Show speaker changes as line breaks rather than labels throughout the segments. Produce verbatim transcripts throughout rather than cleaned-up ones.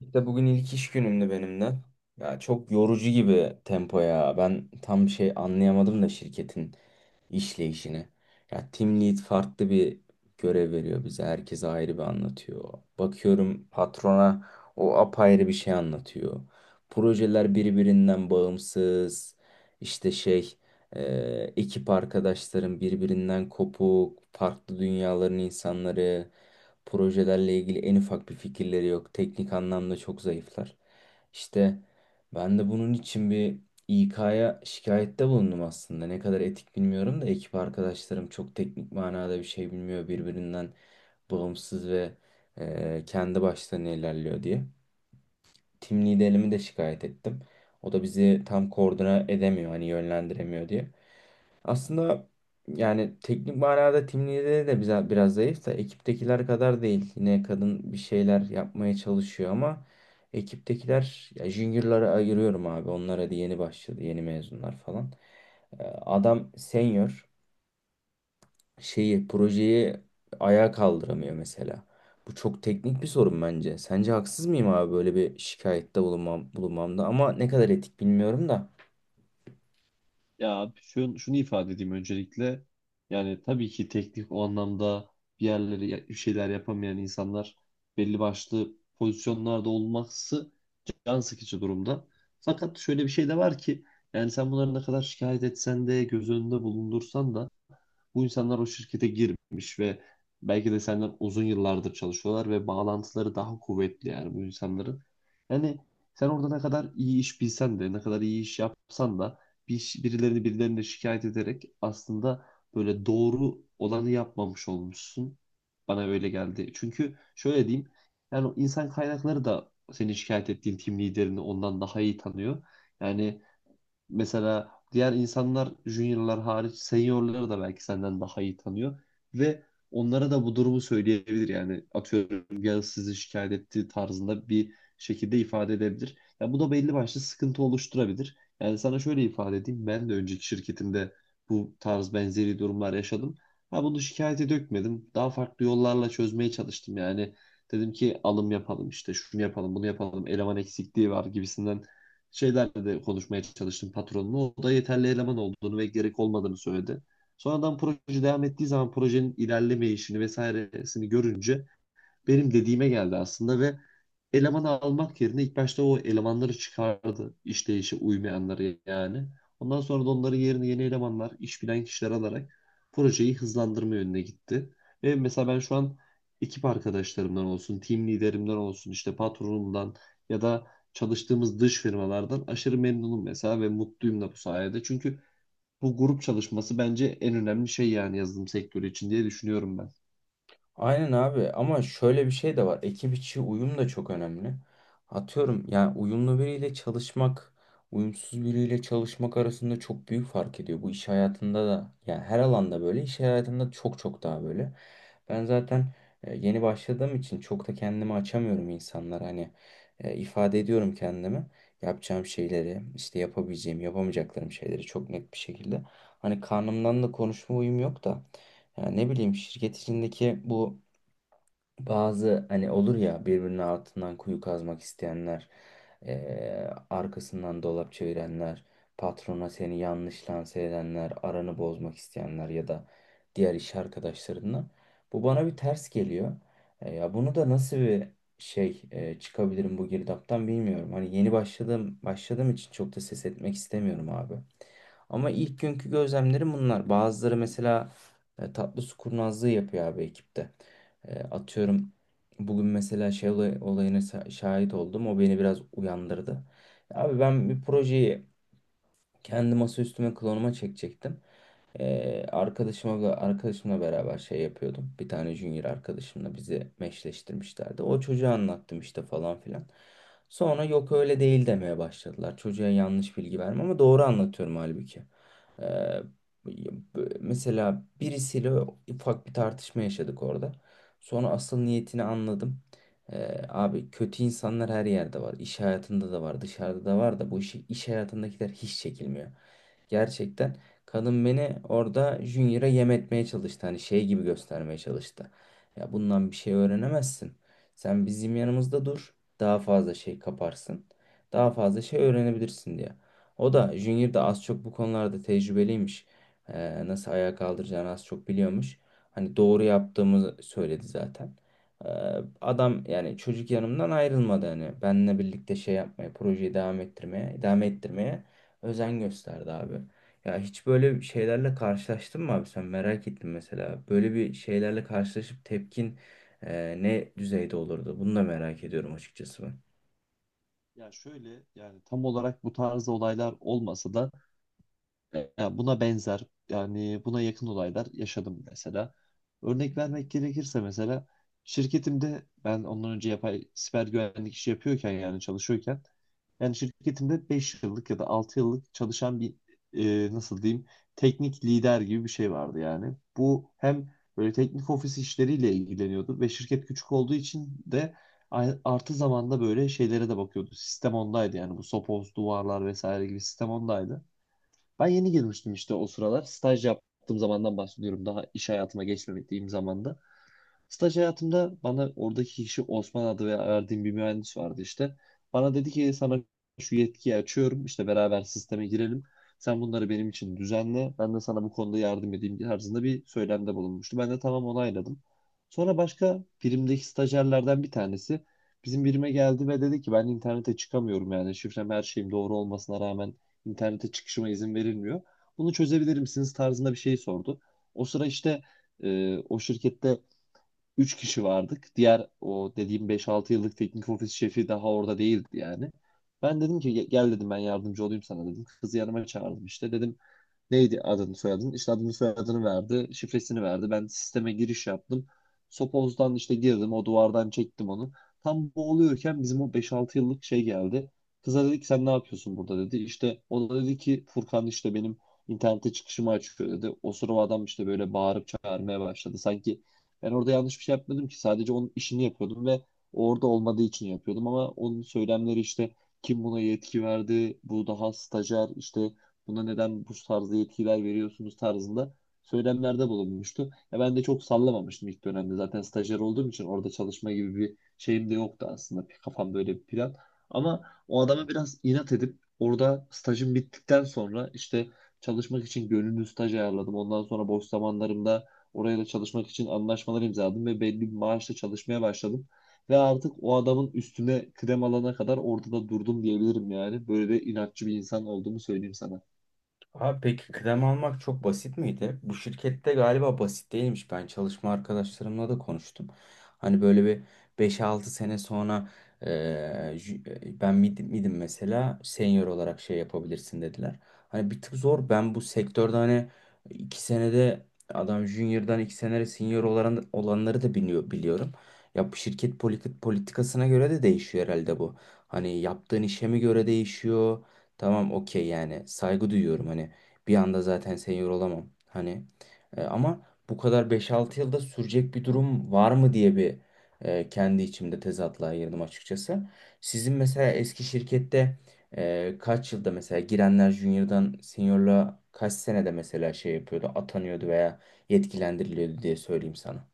İşte bugün ilk iş günümdü benim de. Ya çok yorucu gibi tempo ya. Ben tam şey anlayamadım da şirketin işleyişini. Ya team lead farklı bir görev veriyor bize. Herkese ayrı bir anlatıyor. Bakıyorum patrona o apayrı bir şey anlatıyor. Projeler birbirinden bağımsız. İşte şey e, Ekip arkadaşlarım birbirinden kopuk. Farklı dünyaların insanları. Projelerle ilgili en ufak bir fikirleri yok. Teknik anlamda çok zayıflar. İşte ben de bunun için bir İK'ya şikayette bulundum aslında. Ne kadar etik bilmiyorum da ekip arkadaşlarım çok teknik manada bir şey bilmiyor. Birbirinden bağımsız ve e, kendi başlarına ilerliyor diye. Tim liderimi de şikayet ettim. O da bizi tam koordine edemiyor, hani yönlendiremiyor diye. Aslında yani teknik manada tim lideri de bize biraz zayıf da ekiptekiler kadar değil. Yine kadın bir şeyler yapmaya çalışıyor ama ekiptekiler ya juniorlara ayırıyorum abi. Onlar hadi yeni başladı, yeni mezunlar falan. Ee, Adam senior şeyi projeyi ayağa kaldıramıyor mesela. Bu çok teknik bir sorun bence. Sence haksız mıyım abi böyle bir şikayette bulunmam, bulunmamda ama ne kadar etik bilmiyorum da.
Ya abi şunu, şunu ifade edeyim öncelikle. Yani tabii ki teknik o anlamda bir yerleri ya- bir şeyler yapamayan insanlar belli başlı pozisyonlarda olması can sıkıcı durumda. Fakat şöyle bir şey de var ki, yani sen bunları ne kadar şikayet etsen de göz önünde bulundursan da bu insanlar o şirkete girmiş ve belki de senden uzun yıllardır çalışıyorlar ve bağlantıları daha kuvvetli, yani bu insanların. Yani sen orada ne kadar iyi iş bilsen de, ne kadar iyi iş yapsan da bir, iş- birilerini birilerine şikayet ederek aslında böyle doğru olanı yapmamış olmuşsun. Bana öyle geldi. Çünkü şöyle diyeyim, yani o insan kaynakları da senin şikayet ettiğin tim liderini ondan daha iyi tanıyor. Yani mesela diğer insanlar juniorlar hariç seniorları da belki senden daha iyi tanıyor ve onlara da bu durumu söyleyebilir, yani atıyorum ya, sizi şikayet ettiği tarzında bir şekilde ifade edebilir. Ya bu da belli başlı sıkıntı oluşturabilir. Yani sana şöyle ifade edeyim, ben de önceki şirketimde bu tarz benzeri durumlar yaşadım. Ha bunu şikayete dökmedim. Daha farklı yollarla çözmeye çalıştım yani. Dedim ki alım yapalım, işte şunu yapalım bunu yapalım, eleman eksikliği var gibisinden şeylerle de konuşmaya çalıştım patronla. O da yeterli eleman olduğunu ve gerek olmadığını söyledi. Sonradan proje devam ettiği zaman projenin ilerlemeyişini vesairesini görünce benim dediğime geldi aslında ve elemanı almak yerine ilk başta o elemanları çıkardı, işleyişe uymayanları yani. Ondan sonra da onların yerine yeni elemanlar, iş bilen kişiler alarak projeyi hızlandırma yönüne gitti. Ve mesela ben şu an ekip arkadaşlarımdan olsun, team liderimden olsun, işte patronumdan ya da çalıştığımız dış firmalardan aşırı memnunum mesela ve mutluyum da bu sayede. Çünkü bu grup çalışması bence en önemli şey yani, yazılım sektörü için diye düşünüyorum ben.
Aynen abi ama şöyle bir şey de var. Ekip içi uyum da çok önemli. Atıyorum yani uyumlu biriyle çalışmak, uyumsuz biriyle çalışmak arasında çok büyük fark ediyor. Bu iş hayatında da yani her alanda böyle iş hayatında çok çok daha böyle. Ben zaten e, yeni başladığım için çok da kendimi açamıyorum insanlar hani e, ifade ediyorum kendimi. Yapacağım şeyleri, işte yapabileceğim, yapamayacaklarım şeyleri çok net bir şekilde. Hani karnımdan da konuşma uyum yok da yani ne bileyim şirket içindeki bu bazı hani olur ya birbirinin altından kuyu kazmak isteyenler, eee, arkasından dolap çevirenler, patrona seni yanlış lanse edenler, aranı bozmak isteyenler ya da diğer iş arkadaşlarından. Bu bana bir ters geliyor. E, ya bunu da nasıl bir şey e, çıkabilirim bu girdaptan bilmiyorum. Hani yeni başladığım başladığım için çok da ses etmek istemiyorum abi. Ama ilk günkü gözlemlerim bunlar. Bazıları mesela e, tatlı su kurnazlığı yapıyor abi ekipte. E, atıyorum bugün mesela şey olay- olayına sa- şahit oldum. O beni biraz uyandırdı. Abi ben bir projeyi kendi masaüstüme klonuma çekecektim. Ee, arkadaşımla arkadaşımla beraber şey yapıyordum. Bir tane junior arkadaşımla bizi meşleştirmişlerdi. O çocuğa anlattım işte falan filan. Sonra yok öyle değil demeye başladılar. Çocuğa yanlış bilgi verme ama doğru anlatıyorum halbuki. Ee, b- mesela birisiyle ufak bir tartışma yaşadık orada. Sonra asıl niyetini anladım. Ee, abi kötü insanlar her yerde var. İş hayatında da var, dışarıda da var da bu işi iş hayatındakiler hiç çekilmiyor. Gerçekten kadın beni orada Junior'a yem etmeye çalıştı. Hani şey gibi göstermeye çalıştı. Ya bundan bir şey öğrenemezsin. Sen bizim yanımızda dur. Daha fazla şey kaparsın. Daha fazla şey öğrenebilirsin diye. O da Junior da az çok bu konularda tecrübeliymiş. Ee, nasıl ayağa kaldıracağını az çok biliyormuş. Hani doğru yaptığımı söyledi zaten. Ee, adam yani çocuk yanımdan ayrılmadı hani. Benimle birlikte şey yapmaya, projeyi devam ettirmeye, devam ettirmeye özen gösterdi abi. Ya hiç böyle şeylerle karşılaştın mı abi sen merak ettim mesela. Böyle bir şeylerle karşılaşıp tepkin e, ne düzeyde olurdu? Bunu da merak ediyorum açıkçası ben.
Ya şöyle, yani tam olarak bu tarz olaylar olmasa da ya buna benzer, yani buna yakın olaylar yaşadım mesela. Örnek vermek gerekirse, mesela şirketimde ben ondan önce yapay siber güvenlik işi yapıyorken, yani çalışıyorken, yani şirketimde beş yıllık ya da altı yıllık çalışan bir, e, nasıl diyeyim, teknik lider gibi bir şey vardı yani. Bu hem böyle teknik ofis işleriyle ilgileniyordu ve şirket küçük olduğu için de a- artı zamanda böyle şeylere de bakıyordu. Sistem ondaydı, yani bu sopoz, duvarlar vesaire gibi sistem ondaydı. Ben yeni girmiştim işte o sıralar. Staj yaptığım zamandan bahsediyorum. Daha iş hayatıma geçmediğim zamanda. Staj hayatımda bana oradaki kişi Osman adı ve verdiğim bir mühendis vardı işte. Bana dedi ki sana şu yetkiyi açıyorum, işte beraber sisteme girelim. Sen bunları benim için düzenle. Ben de sana bu konuda yardım edeyim tarzında bir söylemde bulunmuştu. Ben de tamam onayladım. Sonra başka birimdeki stajyerlerden bir tanesi bizim birime geldi ve dedi ki ben internete çıkamıyorum, yani şifrem her şeyim doğru olmasına rağmen internete çıkışıma izin verilmiyor. Bunu çözebilir misiniz tarzında bir şey sordu. O sıra işte, e, o şirkette üç kişi vardık. Diğer o dediğim beş altı yıllık teknik ofis şefi daha orada değildi yani. Ben dedim ki "Ge- gel dedim, ben yardımcı olayım sana dedim. Kızı yanıma çağırdım, işte dedim neydi adını soyadını? İşte adını soyadını verdi. Şifresini verdi. Ben sisteme giriş yaptım. Sopoz'dan işte girdim. O duvardan çektim onu. Tam boğuluyorken bizim o beş altı yıllık şey geldi. Kıza dedik sen ne yapıyorsun burada dedi. İşte o da dedi ki Furkan işte benim internete çıkışımı açıyor dedi. O sırada adam işte böyle bağırıp çağırmaya başladı. Sanki ben orada yanlış bir şey yapmadım ki. Sadece onun işini yapıyordum ve orada olmadığı için yapıyordum. Ama onun söylemleri işte, kim buna yetki verdi? Bu daha stajyer işte, buna neden bu tarzda yetkiler veriyorsunuz tarzında söylemlerde bulunmuştu. Ya ben de çok sallamamıştım ilk dönemde. Zaten stajyer olduğum için orada çalışma gibi bir şeyim de yoktu aslında. Bir kafam böyle bir plan. Ama o adama biraz inat edip orada stajım bittikten sonra işte çalışmak için gönüllü staj ayarladım. Ondan sonra boş zamanlarımda oraya da çalışmak için anlaşmalar imzaladım ve belli bir maaşla çalışmaya başladım. Ve artık o adamın üstüne kıdem alana kadar orada da durdum diyebilirim yani. Böyle de inatçı bir insan olduğumu söyleyeyim sana.
Abi peki kıdem almak çok basit miydi? Bu şirkette galiba basit değilmiş. Ben çalışma arkadaşlarımla da konuştum. Hani böyle bir beş altı sene sonra eee, jü- e, ben mid, midim mesela senior olarak şey yapabilirsin dediler. Hani bir tık zor. Ben bu sektörde hani iki senede adam junior'dan iki senede senior olan, olanları da biliyor, biliyorum. Ya bu şirket politik, politikasına göre de değişiyor herhalde bu. Hani yaptığın işe mi göre değişiyor? Tamam okey yani saygı duyuyorum hani bir anda zaten senior olamam hani. E, ama bu kadar beş altı yılda sürecek bir durum var mı diye bir e, kendi içimde tezatlığa girdim açıkçası. Sizin mesela eski şirkette e, kaç yılda mesela girenler junior'dan seniorluğa kaç senede mesela şey yapıyordu atanıyordu veya yetkilendiriliyordu diye söyleyeyim sana.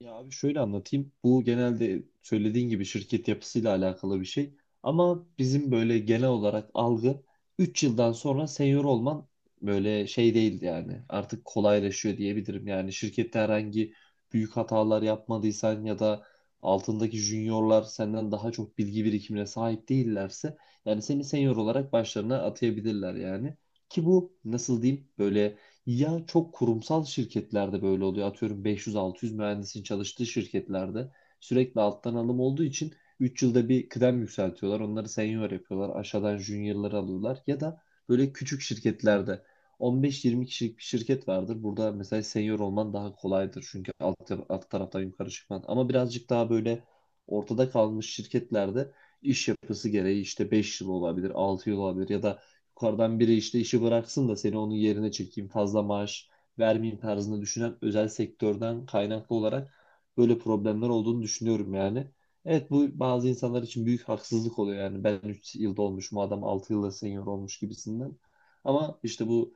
Ya abi şöyle anlatayım. Bu genelde söylediğin gibi şirket yapısıyla alakalı bir şey. Ama bizim böyle genel olarak algı üç yıldan sonra senior olman, böyle şey değil yani. Artık kolaylaşıyor diyebilirim. Yani şirkette herhangi büyük hatalar yapmadıysan ya da altındaki juniorlar senden daha çok bilgi birikimine sahip değillerse, yani seni senior olarak başlarına atayabilirler yani. Ki bu, nasıl diyeyim, böyle ya çok kurumsal şirketlerde böyle oluyor. Atıyorum beş yüz altı yüz mühendisin çalıştığı şirketlerde sürekli alttan alım olduğu için üç yılda bir kıdem yükseltiyorlar. Onları senior yapıyorlar. Aşağıdan juniorları alıyorlar. Ya da böyle küçük şirketlerde on beş yirmi kişilik kişilik bir şirket vardır. Burada mesela senior olman daha kolaydır. Çünkü alt, alt taraftan yukarı çıkman. Ama birazcık daha böyle ortada kalmış şirketlerde iş yapısı gereği işte beş yıl olabilir, altı yıl olabilir, ya da yukarıdan biri işte işi bıraksın da seni onun yerine çekeyim, fazla maaş vermeyeyim tarzında düşünen özel sektörden kaynaklı olarak böyle problemler olduğunu düşünüyorum yani. Evet, bu bazı insanlar için büyük haksızlık oluyor yani, ben üç yılda olmuş, bu adam altı yılda senior olmuş gibisinden. Ama işte bu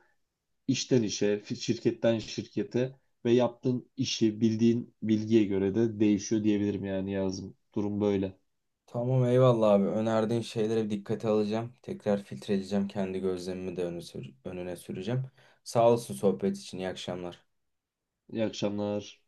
işten işe, fi- şirketten şirkete ve yaptığın işi bildiğin bilgiye göre de değişiyor diyebilirim yani yazım. Durum böyle.
Tamam eyvallah abi. Önerdiğin şeylere bir dikkate alacağım. Tekrar filtreleyeceğim. Kendi gözlemimi de öne, sür- önüne süreceğim. Sağ olasın sohbet için. İyi akşamlar.
İyi akşamlar.